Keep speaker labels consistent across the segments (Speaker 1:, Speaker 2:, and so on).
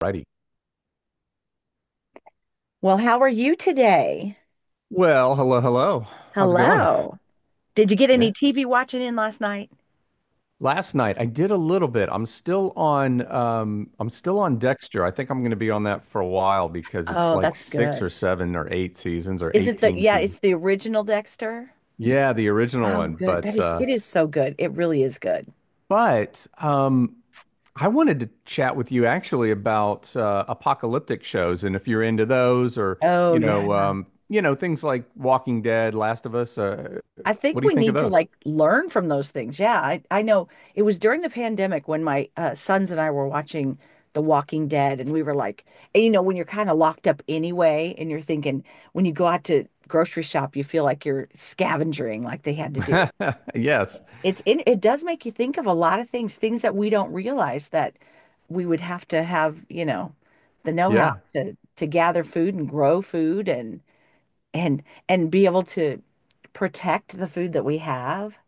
Speaker 1: Righty.
Speaker 2: Well, how are you today?
Speaker 1: Well, hello, hello. How's it going?
Speaker 2: Hello. Did you get
Speaker 1: Yeah.
Speaker 2: any TV watching in last night?
Speaker 1: Last night I did a little bit. I'm still on Dexter. I think I'm going to be on that for a while because it's
Speaker 2: Oh,
Speaker 1: like
Speaker 2: that's
Speaker 1: 6
Speaker 2: good.
Speaker 1: or 7 or 8 seasons or
Speaker 2: Is it
Speaker 1: 18
Speaker 2: yeah,
Speaker 1: seasons.
Speaker 2: it's the original Dexter?
Speaker 1: Yeah, the original
Speaker 2: Oh,
Speaker 1: one,
Speaker 2: good.
Speaker 1: but uh
Speaker 2: It is so good. It really is good.
Speaker 1: but um I wanted to chat with you actually about apocalyptic shows and if you're into those, or,
Speaker 2: Oh, yeah.
Speaker 1: you know, things like Walking Dead, Last of Us,
Speaker 2: I
Speaker 1: what
Speaker 2: think
Speaker 1: do you
Speaker 2: we
Speaker 1: think of
Speaker 2: need to
Speaker 1: those?
Speaker 2: like learn from those things. Yeah, I know it was during the pandemic when my sons and I were watching The Walking Dead, and we were like, you know, when you're kind of locked up anyway, and you're thinking, when you go out to grocery shop, you feel like you're scavenging like they had to do.
Speaker 1: Yes.
Speaker 2: It does make you think of a lot of things, that we don't realize that we would have to have, you know, the know-how
Speaker 1: Yeah.
Speaker 2: to gather food and grow food and and be able to protect the food that we have.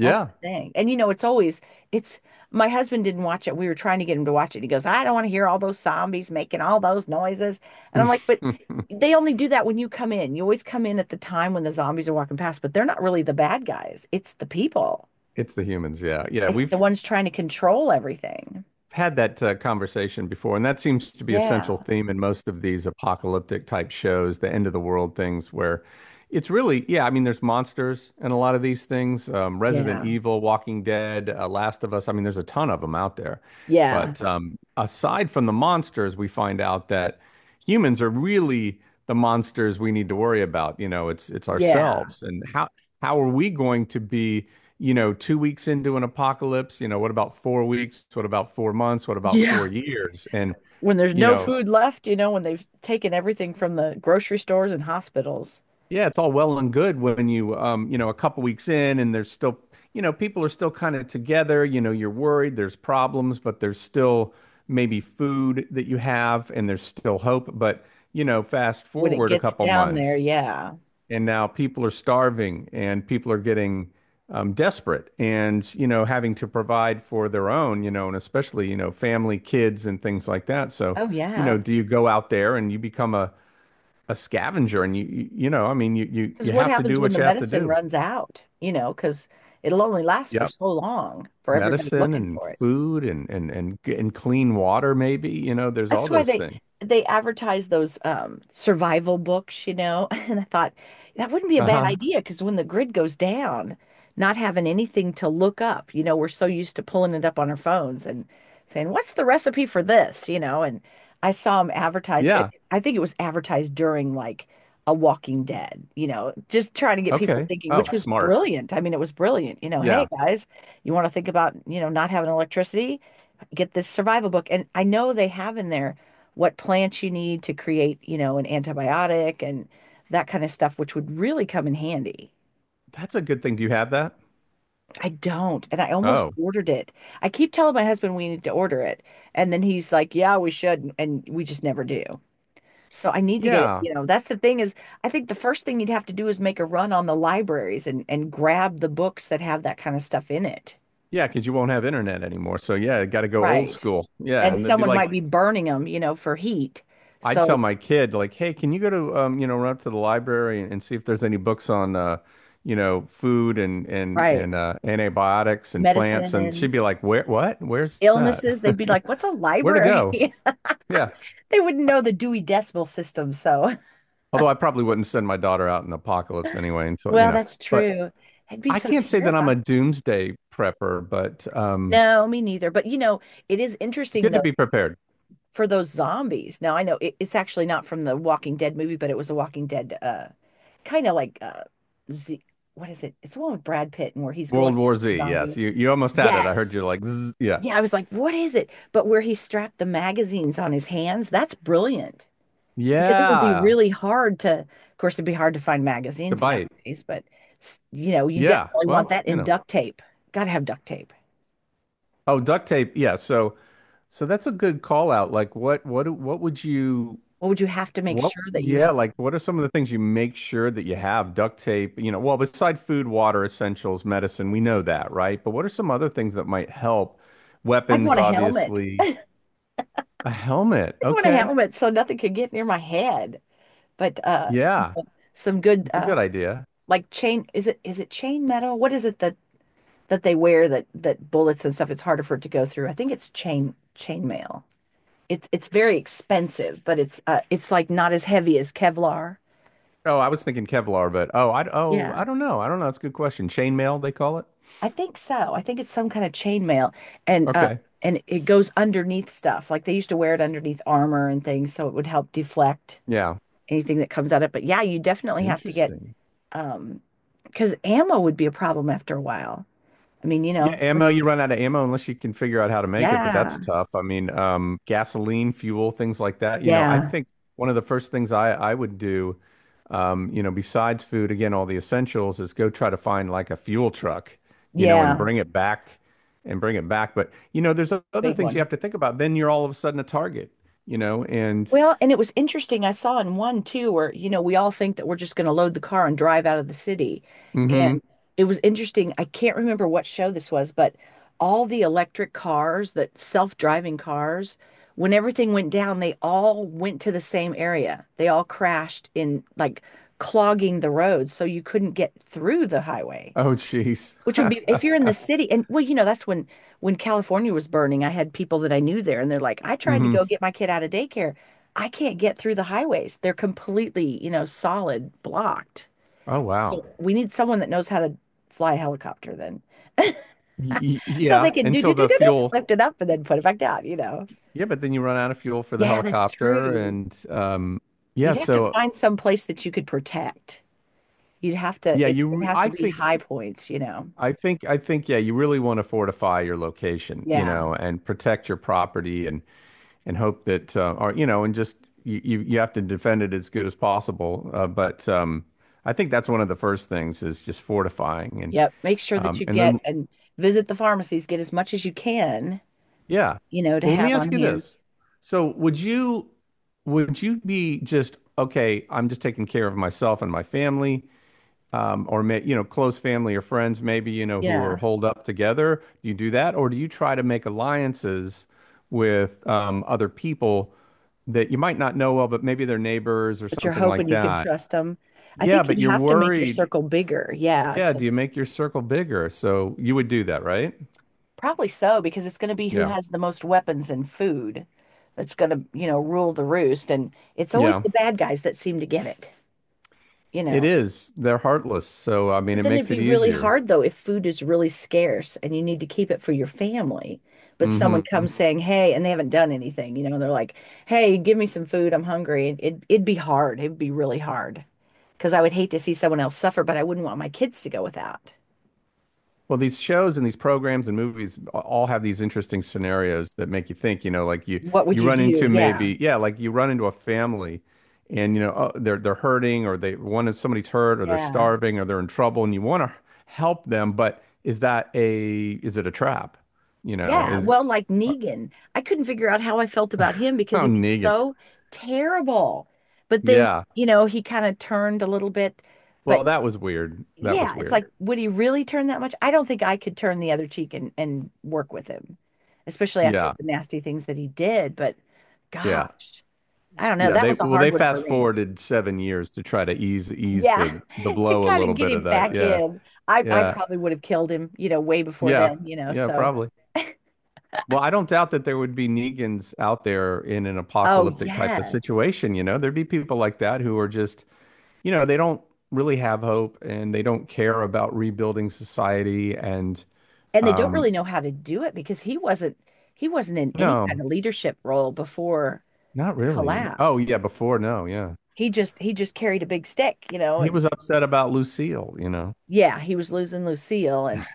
Speaker 2: That's the thing. And you know, it's always it's my husband didn't watch it. We were trying to get him to watch it. He goes, "I don't want to hear all those zombies making all those noises." And I'm like, "But they only do that when you come in. You always come in at the time when the zombies are walking past, but they're not really the bad guys. It's the people."
Speaker 1: It's the humans. Yeah. Yeah.
Speaker 2: It's the
Speaker 1: We've
Speaker 2: ones trying to control everything.
Speaker 1: had that conversation before, and that seems to be a central
Speaker 2: Yeah.
Speaker 1: theme in most of these apocalyptic type shows, the end of the world things, where it's really, yeah, I mean, there's monsters and a lot of these things, Resident
Speaker 2: Yeah.
Speaker 1: Evil, Walking Dead, Last of Us. I mean, there's a ton of them out there.
Speaker 2: Yeah.
Speaker 1: But aside from the monsters, we find out that humans are really the monsters we need to worry about. You know, it's
Speaker 2: Yeah.
Speaker 1: ourselves, and how are we going to be? You know, 2 weeks into an apocalypse, you know, what about 4 weeks? What about 4 months? What about four
Speaker 2: Yeah.
Speaker 1: years? And,
Speaker 2: When there's
Speaker 1: you
Speaker 2: no
Speaker 1: know,
Speaker 2: food left, you know, when they've taken everything from the grocery stores and hospitals,
Speaker 1: yeah, it's all well and good when you, you know, a couple weeks in and there's still, you know, people are still kind of together, you know, you're worried, there's problems, but there's still maybe food that you have and there's still hope. But, you know, fast
Speaker 2: when it
Speaker 1: forward a
Speaker 2: gets
Speaker 1: couple
Speaker 2: down there,
Speaker 1: months,
Speaker 2: yeah.
Speaker 1: and now people are starving and people are getting desperate, and, you know, having to provide for their own, you know, and especially, you know, family, kids, and things like that. So,
Speaker 2: Oh,
Speaker 1: you know,
Speaker 2: yeah.
Speaker 1: do you go out there and you become a scavenger? And you know, I mean, you you
Speaker 2: Because
Speaker 1: you
Speaker 2: what
Speaker 1: have to
Speaker 2: happens
Speaker 1: do
Speaker 2: when
Speaker 1: what
Speaker 2: the
Speaker 1: you have to
Speaker 2: medicine
Speaker 1: do.
Speaker 2: runs out, you know, because it'll only last for
Speaker 1: Yep.
Speaker 2: so long for everybody
Speaker 1: Medicine
Speaker 2: looking
Speaker 1: and
Speaker 2: for it.
Speaker 1: food and clean water, maybe, you know, there's all
Speaker 2: That's why
Speaker 1: those
Speaker 2: they
Speaker 1: things.
Speaker 2: they advertise those survival books, you know. And I thought that wouldn't be a bad
Speaker 1: Uh-huh.
Speaker 2: idea because when the grid goes down, not having anything to look up, you know, we're so used to pulling it up on our phones and saying, "What's the recipe for this?" you know, and I saw them advertised.
Speaker 1: Yeah.
Speaker 2: I think it was advertised during like a Walking Dead, you know, just trying to get people
Speaker 1: Okay.
Speaker 2: thinking,
Speaker 1: Oh,
Speaker 2: which was
Speaker 1: smart.
Speaker 2: brilliant. I mean, it was brilliant. You know, hey
Speaker 1: Yeah.
Speaker 2: guys, you want to think about, you know, not having electricity? Get this survival book. And I know they have in there what plants you need to create, you know, an antibiotic and that kind of stuff, which would really come in handy.
Speaker 1: That's a good thing. Do you have that?
Speaker 2: I don't. And I almost
Speaker 1: Oh.
Speaker 2: ordered it. I keep telling my husband we need to order it. And then he's like, yeah, we should. And we just never do. So I need to get it.
Speaker 1: yeah
Speaker 2: You know, that's the thing is, I think the first thing you'd have to do is make a run on the libraries and grab the books that have that kind of stuff in it.
Speaker 1: Yeah, because you won't have internet anymore. So yeah, got to go old
Speaker 2: Right.
Speaker 1: school. Yeah,
Speaker 2: And
Speaker 1: and it'd be
Speaker 2: someone might
Speaker 1: like
Speaker 2: be burning them, you know, for heat.
Speaker 1: I'd
Speaker 2: So,
Speaker 1: tell my kid like, "Hey, can you go to you know, run up to the library and see if there's any books on you know, food and and
Speaker 2: right.
Speaker 1: and uh, antibiotics and plants?" And she'd
Speaker 2: Medicine,
Speaker 1: be like, "Where? What? Where's that?
Speaker 2: illnesses, they'd be like, what's a
Speaker 1: Where to
Speaker 2: library?
Speaker 1: go?" Yeah.
Speaker 2: They wouldn't
Speaker 1: Uh,
Speaker 2: know the Dewey Decimal System. So,
Speaker 1: although I probably wouldn't send my daughter out in the apocalypse anyway until, you
Speaker 2: well,
Speaker 1: know.
Speaker 2: that's
Speaker 1: But
Speaker 2: true. I'd be
Speaker 1: I
Speaker 2: so
Speaker 1: can't say that I'm
Speaker 2: terrified.
Speaker 1: a doomsday prepper, but
Speaker 2: No, me neither. But you know, it is interesting
Speaker 1: good to
Speaker 2: though
Speaker 1: be prepared.
Speaker 2: for those zombies. Now, I know it's actually not from the Walking Dead movie, but it was a Walking Dead kind of like Z, what is it? It's the one with Brad Pitt and where he's going
Speaker 1: World War
Speaker 2: against the
Speaker 1: Z, yes.
Speaker 2: zombies.
Speaker 1: You almost had it. I heard
Speaker 2: Yes.
Speaker 1: you like, Zzz, yeah.
Speaker 2: Yeah, I was like, what is it? But where he strapped the magazines on his hands, that's brilliant. Because it would be
Speaker 1: Yeah,
Speaker 2: really hard to, of course, it'd be hard to find
Speaker 1: to
Speaker 2: magazines
Speaker 1: bite.
Speaker 2: nowadays, but you know, you
Speaker 1: Yeah.
Speaker 2: definitely
Speaker 1: Well,
Speaker 2: want that
Speaker 1: you
Speaker 2: in
Speaker 1: know.
Speaker 2: duct tape. Got to have duct tape.
Speaker 1: Oh, duct tape. Yeah. So, so that's a good call out. Like, what would you,
Speaker 2: What would you have to make
Speaker 1: what,
Speaker 2: sure that you
Speaker 1: yeah,
Speaker 2: had?
Speaker 1: like, what are some of the things you make sure that you have? Duct tape, you know, well, beside food, water, essentials, medicine, we know that, right? But what are some other things that might help?
Speaker 2: I'd
Speaker 1: Weapons,
Speaker 2: want a helmet.
Speaker 1: obviously. A helmet.
Speaker 2: I'd want a
Speaker 1: Okay.
Speaker 2: helmet so nothing could get near my head. But
Speaker 1: Yeah.
Speaker 2: some good
Speaker 1: It's a good idea.
Speaker 2: like chain, is it chain metal? What is it that they wear that bullets and stuff it's harder for it to go through? I think it's chain mail. It's very expensive, but it's like not as heavy as Kevlar.
Speaker 1: Oh, I was thinking Kevlar, but oh,
Speaker 2: Yeah.
Speaker 1: I don't know. I don't know. That's a good question. Chainmail, they call it.
Speaker 2: I think so. I think it's some kind of chainmail, and uh,
Speaker 1: Okay.
Speaker 2: and it goes underneath stuff. Like they used to wear it underneath armor and things, so it would help deflect
Speaker 1: Yeah.
Speaker 2: anything that comes at it. But yeah, you definitely have to get
Speaker 1: Interesting.
Speaker 2: um, because ammo would be a problem after a while. I mean, you
Speaker 1: Yeah,
Speaker 2: know,
Speaker 1: ammo, you run out of ammo unless you can figure out how to make it, but that's
Speaker 2: Yeah,
Speaker 1: tough. I mean, gasoline, fuel, things like that. You know, I
Speaker 2: yeah,
Speaker 1: think one of the first things I would do, you know, besides food, again, all the essentials, is go try to find like a fuel truck, you know, and
Speaker 2: yeah,
Speaker 1: bring it back and bring it back. But, you know, there's other
Speaker 2: big
Speaker 1: things you have
Speaker 2: one.
Speaker 1: to think about. Then you're all of a sudden a target, you know, and
Speaker 2: Well, and it was interesting. I saw in one too, where, you know, we all think that we're just going to load the car and drive out of the city.
Speaker 1: mm-hmm.
Speaker 2: And it was interesting. I can't remember what show this was, but all the electric cars, that self-driving cars, when everything went down, they all went to the same area. They all crashed in like clogging the roads, so you couldn't get through the highway.
Speaker 1: Oh, jeez.
Speaker 2: Which would be if you're in the city, and well, you know, that's when California was burning, I had people that I knew there, and they're like, I tried to go
Speaker 1: Mm-hmm.
Speaker 2: get my kid out of daycare. I can't get through the highways. They're completely, you know, solid blocked.
Speaker 1: Oh, wow.
Speaker 2: We need someone that knows how to fly a helicopter then. So they
Speaker 1: Yeah,
Speaker 2: can do do
Speaker 1: until
Speaker 2: do
Speaker 1: the
Speaker 2: do do
Speaker 1: fuel.
Speaker 2: lift it up and then put it back down, you know.
Speaker 1: Yeah, but then you run out of fuel for the
Speaker 2: Yeah, that's
Speaker 1: helicopter,
Speaker 2: true.
Speaker 1: and yeah,
Speaker 2: You'd have to
Speaker 1: so
Speaker 2: find some place that you could protect. You'd have to
Speaker 1: yeah,
Speaker 2: it'd have to
Speaker 1: I
Speaker 2: be
Speaker 1: think,
Speaker 2: high points, you know.
Speaker 1: I think, I think, yeah, you really want to fortify your location, you
Speaker 2: Yeah.
Speaker 1: know, and protect your property, and hope that, or, you know, and just you have to defend it as good as possible. But I think that's one of the first things is just fortifying,
Speaker 2: Yep. Make sure that you
Speaker 1: and
Speaker 2: get
Speaker 1: then
Speaker 2: and visit the pharmacies, get as much as you can,
Speaker 1: yeah.
Speaker 2: you know, to
Speaker 1: Well, let me
Speaker 2: have
Speaker 1: ask
Speaker 2: on
Speaker 1: you
Speaker 2: hand.
Speaker 1: this. So, would you be just okay? I'm just taking care of myself and my family, or may, you know, close family or friends, maybe, you know, who are
Speaker 2: Yeah.
Speaker 1: holed up together? Do you do that? Or do you try to make alliances with other people that you might not know well, but maybe they're neighbors or
Speaker 2: But you're
Speaker 1: something
Speaker 2: hoping
Speaker 1: like
Speaker 2: you can
Speaker 1: that?
Speaker 2: trust them. I
Speaker 1: Yeah,
Speaker 2: think
Speaker 1: but
Speaker 2: you'd
Speaker 1: you're
Speaker 2: have to make your
Speaker 1: worried.
Speaker 2: circle bigger. Yeah.
Speaker 1: Yeah,
Speaker 2: To,
Speaker 1: do you make your circle bigger? So you would do that, right?
Speaker 2: probably so, because it's going to be who
Speaker 1: Yeah.
Speaker 2: has the most weapons and food that's going to, you know, rule the roost. And it's always
Speaker 1: Yeah.
Speaker 2: the bad guys that seem to get it, you
Speaker 1: It
Speaker 2: know.
Speaker 1: is. They're heartless. So, I mean,
Speaker 2: But
Speaker 1: it
Speaker 2: then it'd
Speaker 1: makes it
Speaker 2: be really
Speaker 1: easier.
Speaker 2: hard though if food is really scarce and you need to keep it for your family. But someone
Speaker 1: Hmm.
Speaker 2: comes saying, "Hey," and they haven't done anything, you know, they're like, "Hey, give me some food. I'm hungry." And it it'd be hard. It'd be really hard because I would hate to see someone else suffer, but I wouldn't want my kids to go without.
Speaker 1: Well, these shows and these programs and movies all have these interesting scenarios that make you think, you know, like you
Speaker 2: What would
Speaker 1: you
Speaker 2: you
Speaker 1: run
Speaker 2: do?
Speaker 1: into
Speaker 2: Yeah.
Speaker 1: maybe, yeah, like you run into a family and you know, oh, they're hurting, or they one is somebody's hurt, or they're
Speaker 2: Yeah.
Speaker 1: starving or they're in trouble and you want to help them, but is that a is it a trap? You know,
Speaker 2: Yeah.
Speaker 1: is
Speaker 2: Well, like Negan, I couldn't figure out how I felt about him because
Speaker 1: oh,
Speaker 2: he was
Speaker 1: Negan.
Speaker 2: so terrible. But then,
Speaker 1: Yeah.
Speaker 2: you know, he kind of turned a little bit, but
Speaker 1: Well, that was weird. That was
Speaker 2: yeah, it's
Speaker 1: weird.
Speaker 2: like, would he really turn that much? I don't think I could turn the other cheek and work with him, especially after
Speaker 1: Yeah.
Speaker 2: the nasty things that he did. But
Speaker 1: Yeah.
Speaker 2: gosh, I don't know.
Speaker 1: Yeah,
Speaker 2: That
Speaker 1: they
Speaker 2: was a
Speaker 1: well
Speaker 2: hard
Speaker 1: they
Speaker 2: one for
Speaker 1: fast
Speaker 2: me.
Speaker 1: forwarded 7 years to try to ease
Speaker 2: Yeah,
Speaker 1: the
Speaker 2: to
Speaker 1: blow a
Speaker 2: kind of
Speaker 1: little
Speaker 2: get
Speaker 1: bit of
Speaker 2: him
Speaker 1: that.
Speaker 2: back
Speaker 1: Yeah.
Speaker 2: in. I
Speaker 1: Yeah.
Speaker 2: probably would have killed him, you know, way before
Speaker 1: Yeah,
Speaker 2: then, you know.
Speaker 1: yeah,
Speaker 2: So,
Speaker 1: probably. Well, I don't doubt that there would be Negans out there in an
Speaker 2: oh
Speaker 1: apocalyptic type of
Speaker 2: yes.
Speaker 1: situation, you know. There'd be people like that who are just, you know, they don't really have hope and they don't care about rebuilding society and
Speaker 2: And they don't
Speaker 1: um
Speaker 2: really know how to do it because he wasn't in any kind
Speaker 1: no,
Speaker 2: of leadership role before
Speaker 1: not
Speaker 2: the
Speaker 1: really. Oh,
Speaker 2: collapse.
Speaker 1: yeah, before, no, yeah.
Speaker 2: He just carried a big stick, you know,
Speaker 1: He
Speaker 2: and
Speaker 1: was upset about Lucille, you know.
Speaker 2: yeah, he was losing Lucille and.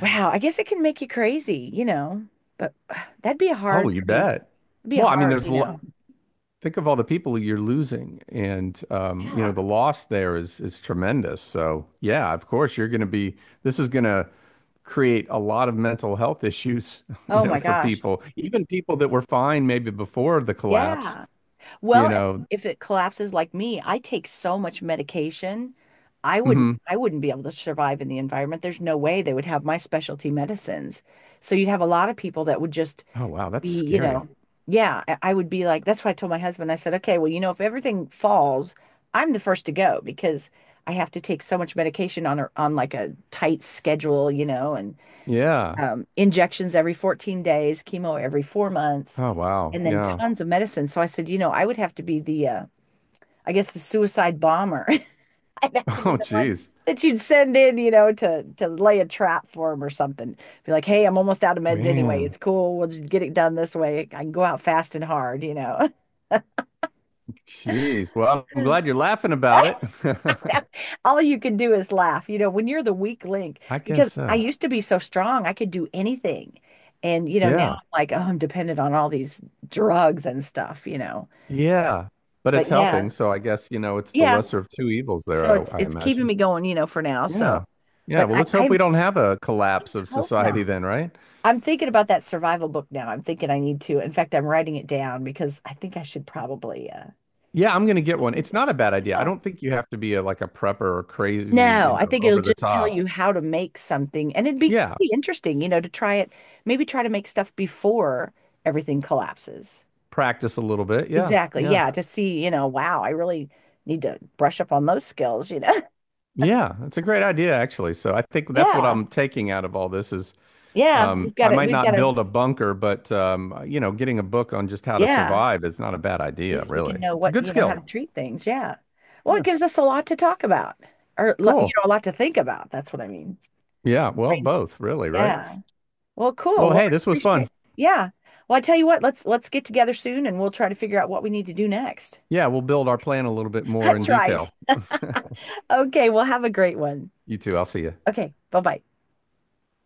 Speaker 2: Wow, I guess it can make you crazy, you know, but that'd be a
Speaker 1: Oh,
Speaker 2: hard,
Speaker 1: you
Speaker 2: I mean,
Speaker 1: bet.
Speaker 2: it'd be a
Speaker 1: Well, I mean,
Speaker 2: hard,
Speaker 1: there's
Speaker 2: you
Speaker 1: a lot.
Speaker 2: know.
Speaker 1: Think of all the people you're losing, and you know, the
Speaker 2: Yeah.
Speaker 1: loss there is tremendous. So yeah, of course you're going to be, this is going to create a lot of mental health issues. You
Speaker 2: Oh
Speaker 1: know,
Speaker 2: my
Speaker 1: for
Speaker 2: gosh.
Speaker 1: people, even people that were fine maybe before the collapse,
Speaker 2: Yeah.
Speaker 1: you
Speaker 2: Well,
Speaker 1: know.
Speaker 2: if it collapses like me, I take so much medication. I wouldn't
Speaker 1: Mhm.
Speaker 2: I wouldn't be able to survive in the environment. There's no way they would have my specialty medicines. So you'd have a lot of people that would just
Speaker 1: Oh, wow, that's
Speaker 2: be, you
Speaker 1: scary.
Speaker 2: know, yeah, I would be like, that's why I told my husband, I said, okay, well, you know, if everything falls, I'm the first to go because I have to take so much medication on a, on like a tight schedule, you know, and
Speaker 1: Yeah.
Speaker 2: injections every 14 days, chemo every 4 months,
Speaker 1: Oh, wow.
Speaker 2: and then
Speaker 1: Yeah.
Speaker 2: tons of medicine. So I said, you know, I would have to be the, I guess the suicide bomber. I'd have to be
Speaker 1: Oh,
Speaker 2: the one
Speaker 1: geez.
Speaker 2: that you'd send in, you know, to lay a trap for him or something. Be like, hey, I'm almost out of meds anyway.
Speaker 1: Man.
Speaker 2: It's cool. We'll just get it done this way. I can go out fast and hard, you know.
Speaker 1: Jeez, well, I'm glad you're laughing about it.
Speaker 2: All you can do is laugh, you know, when you're the weak link,
Speaker 1: I guess
Speaker 2: because I
Speaker 1: so.
Speaker 2: used to be so strong, I could do anything. And, you know, now
Speaker 1: Yeah.
Speaker 2: I'm like, oh, I'm dependent on all these drugs and stuff, you know.
Speaker 1: Yeah, but it's
Speaker 2: But yeah,
Speaker 1: helping. So I guess, you know, it's the
Speaker 2: yeah.
Speaker 1: lesser of two evils
Speaker 2: So
Speaker 1: there, I,
Speaker 2: it's
Speaker 1: I
Speaker 2: it's keeping
Speaker 1: imagine.
Speaker 2: me going, you know, for now. So,
Speaker 1: Yeah. Yeah.
Speaker 2: but
Speaker 1: Well,
Speaker 2: I,
Speaker 1: let's
Speaker 2: I
Speaker 1: hope we don't have a collapse of
Speaker 2: hope
Speaker 1: society
Speaker 2: not.
Speaker 1: then, right?
Speaker 2: I'm thinking about that survival book now. I'm thinking I need to. In fact, I'm writing it down because I think I should probably
Speaker 1: Yeah, I'm going to get one.
Speaker 2: read
Speaker 1: It's
Speaker 2: it.
Speaker 1: not a bad idea. I
Speaker 2: Yeah.
Speaker 1: don't think you have to be a, like a prepper or crazy,
Speaker 2: No,
Speaker 1: you
Speaker 2: I
Speaker 1: know,
Speaker 2: think it'll
Speaker 1: over the
Speaker 2: just tell
Speaker 1: top.
Speaker 2: you how to make something and it'd be
Speaker 1: Yeah.
Speaker 2: pretty interesting, you know, to try it, maybe try to make stuff before everything collapses.
Speaker 1: Practice a little bit. Yeah.
Speaker 2: Exactly.
Speaker 1: Yeah.
Speaker 2: Yeah, to see, you know, wow, I really need to brush up on those skills, you know.
Speaker 1: Yeah. That's a great idea, actually. So I think that's what
Speaker 2: Yeah.
Speaker 1: I'm taking out of all this is
Speaker 2: Yeah, we've
Speaker 1: I
Speaker 2: got it.
Speaker 1: might
Speaker 2: We've got
Speaker 1: not
Speaker 2: to,
Speaker 1: build a bunker, but, you know, getting a book on just how to
Speaker 2: yeah,
Speaker 1: survive is not a bad idea,
Speaker 2: least we
Speaker 1: really.
Speaker 2: can know
Speaker 1: It's a
Speaker 2: what,
Speaker 1: good
Speaker 2: you know, how
Speaker 1: skill.
Speaker 2: to treat things. Yeah. Well, it
Speaker 1: Yeah.
Speaker 2: gives us a lot to talk about or,
Speaker 1: Cool.
Speaker 2: you know, a lot to think about. That's what I mean.
Speaker 1: Yeah, well,
Speaker 2: Brains-
Speaker 1: both, really, right?
Speaker 2: Yeah. Well, cool.
Speaker 1: Well,
Speaker 2: Well,
Speaker 1: hey,
Speaker 2: I
Speaker 1: this was fun.
Speaker 2: appreciate. Yeah. Well, I tell you what, let's get together soon and we'll try to figure out what we need to do next.
Speaker 1: Yeah, we'll build our plan a little bit more in
Speaker 2: That's right.
Speaker 1: detail.
Speaker 2: Okay, well, have a great one.
Speaker 1: You too. I'll see you.
Speaker 2: Okay, bye-bye.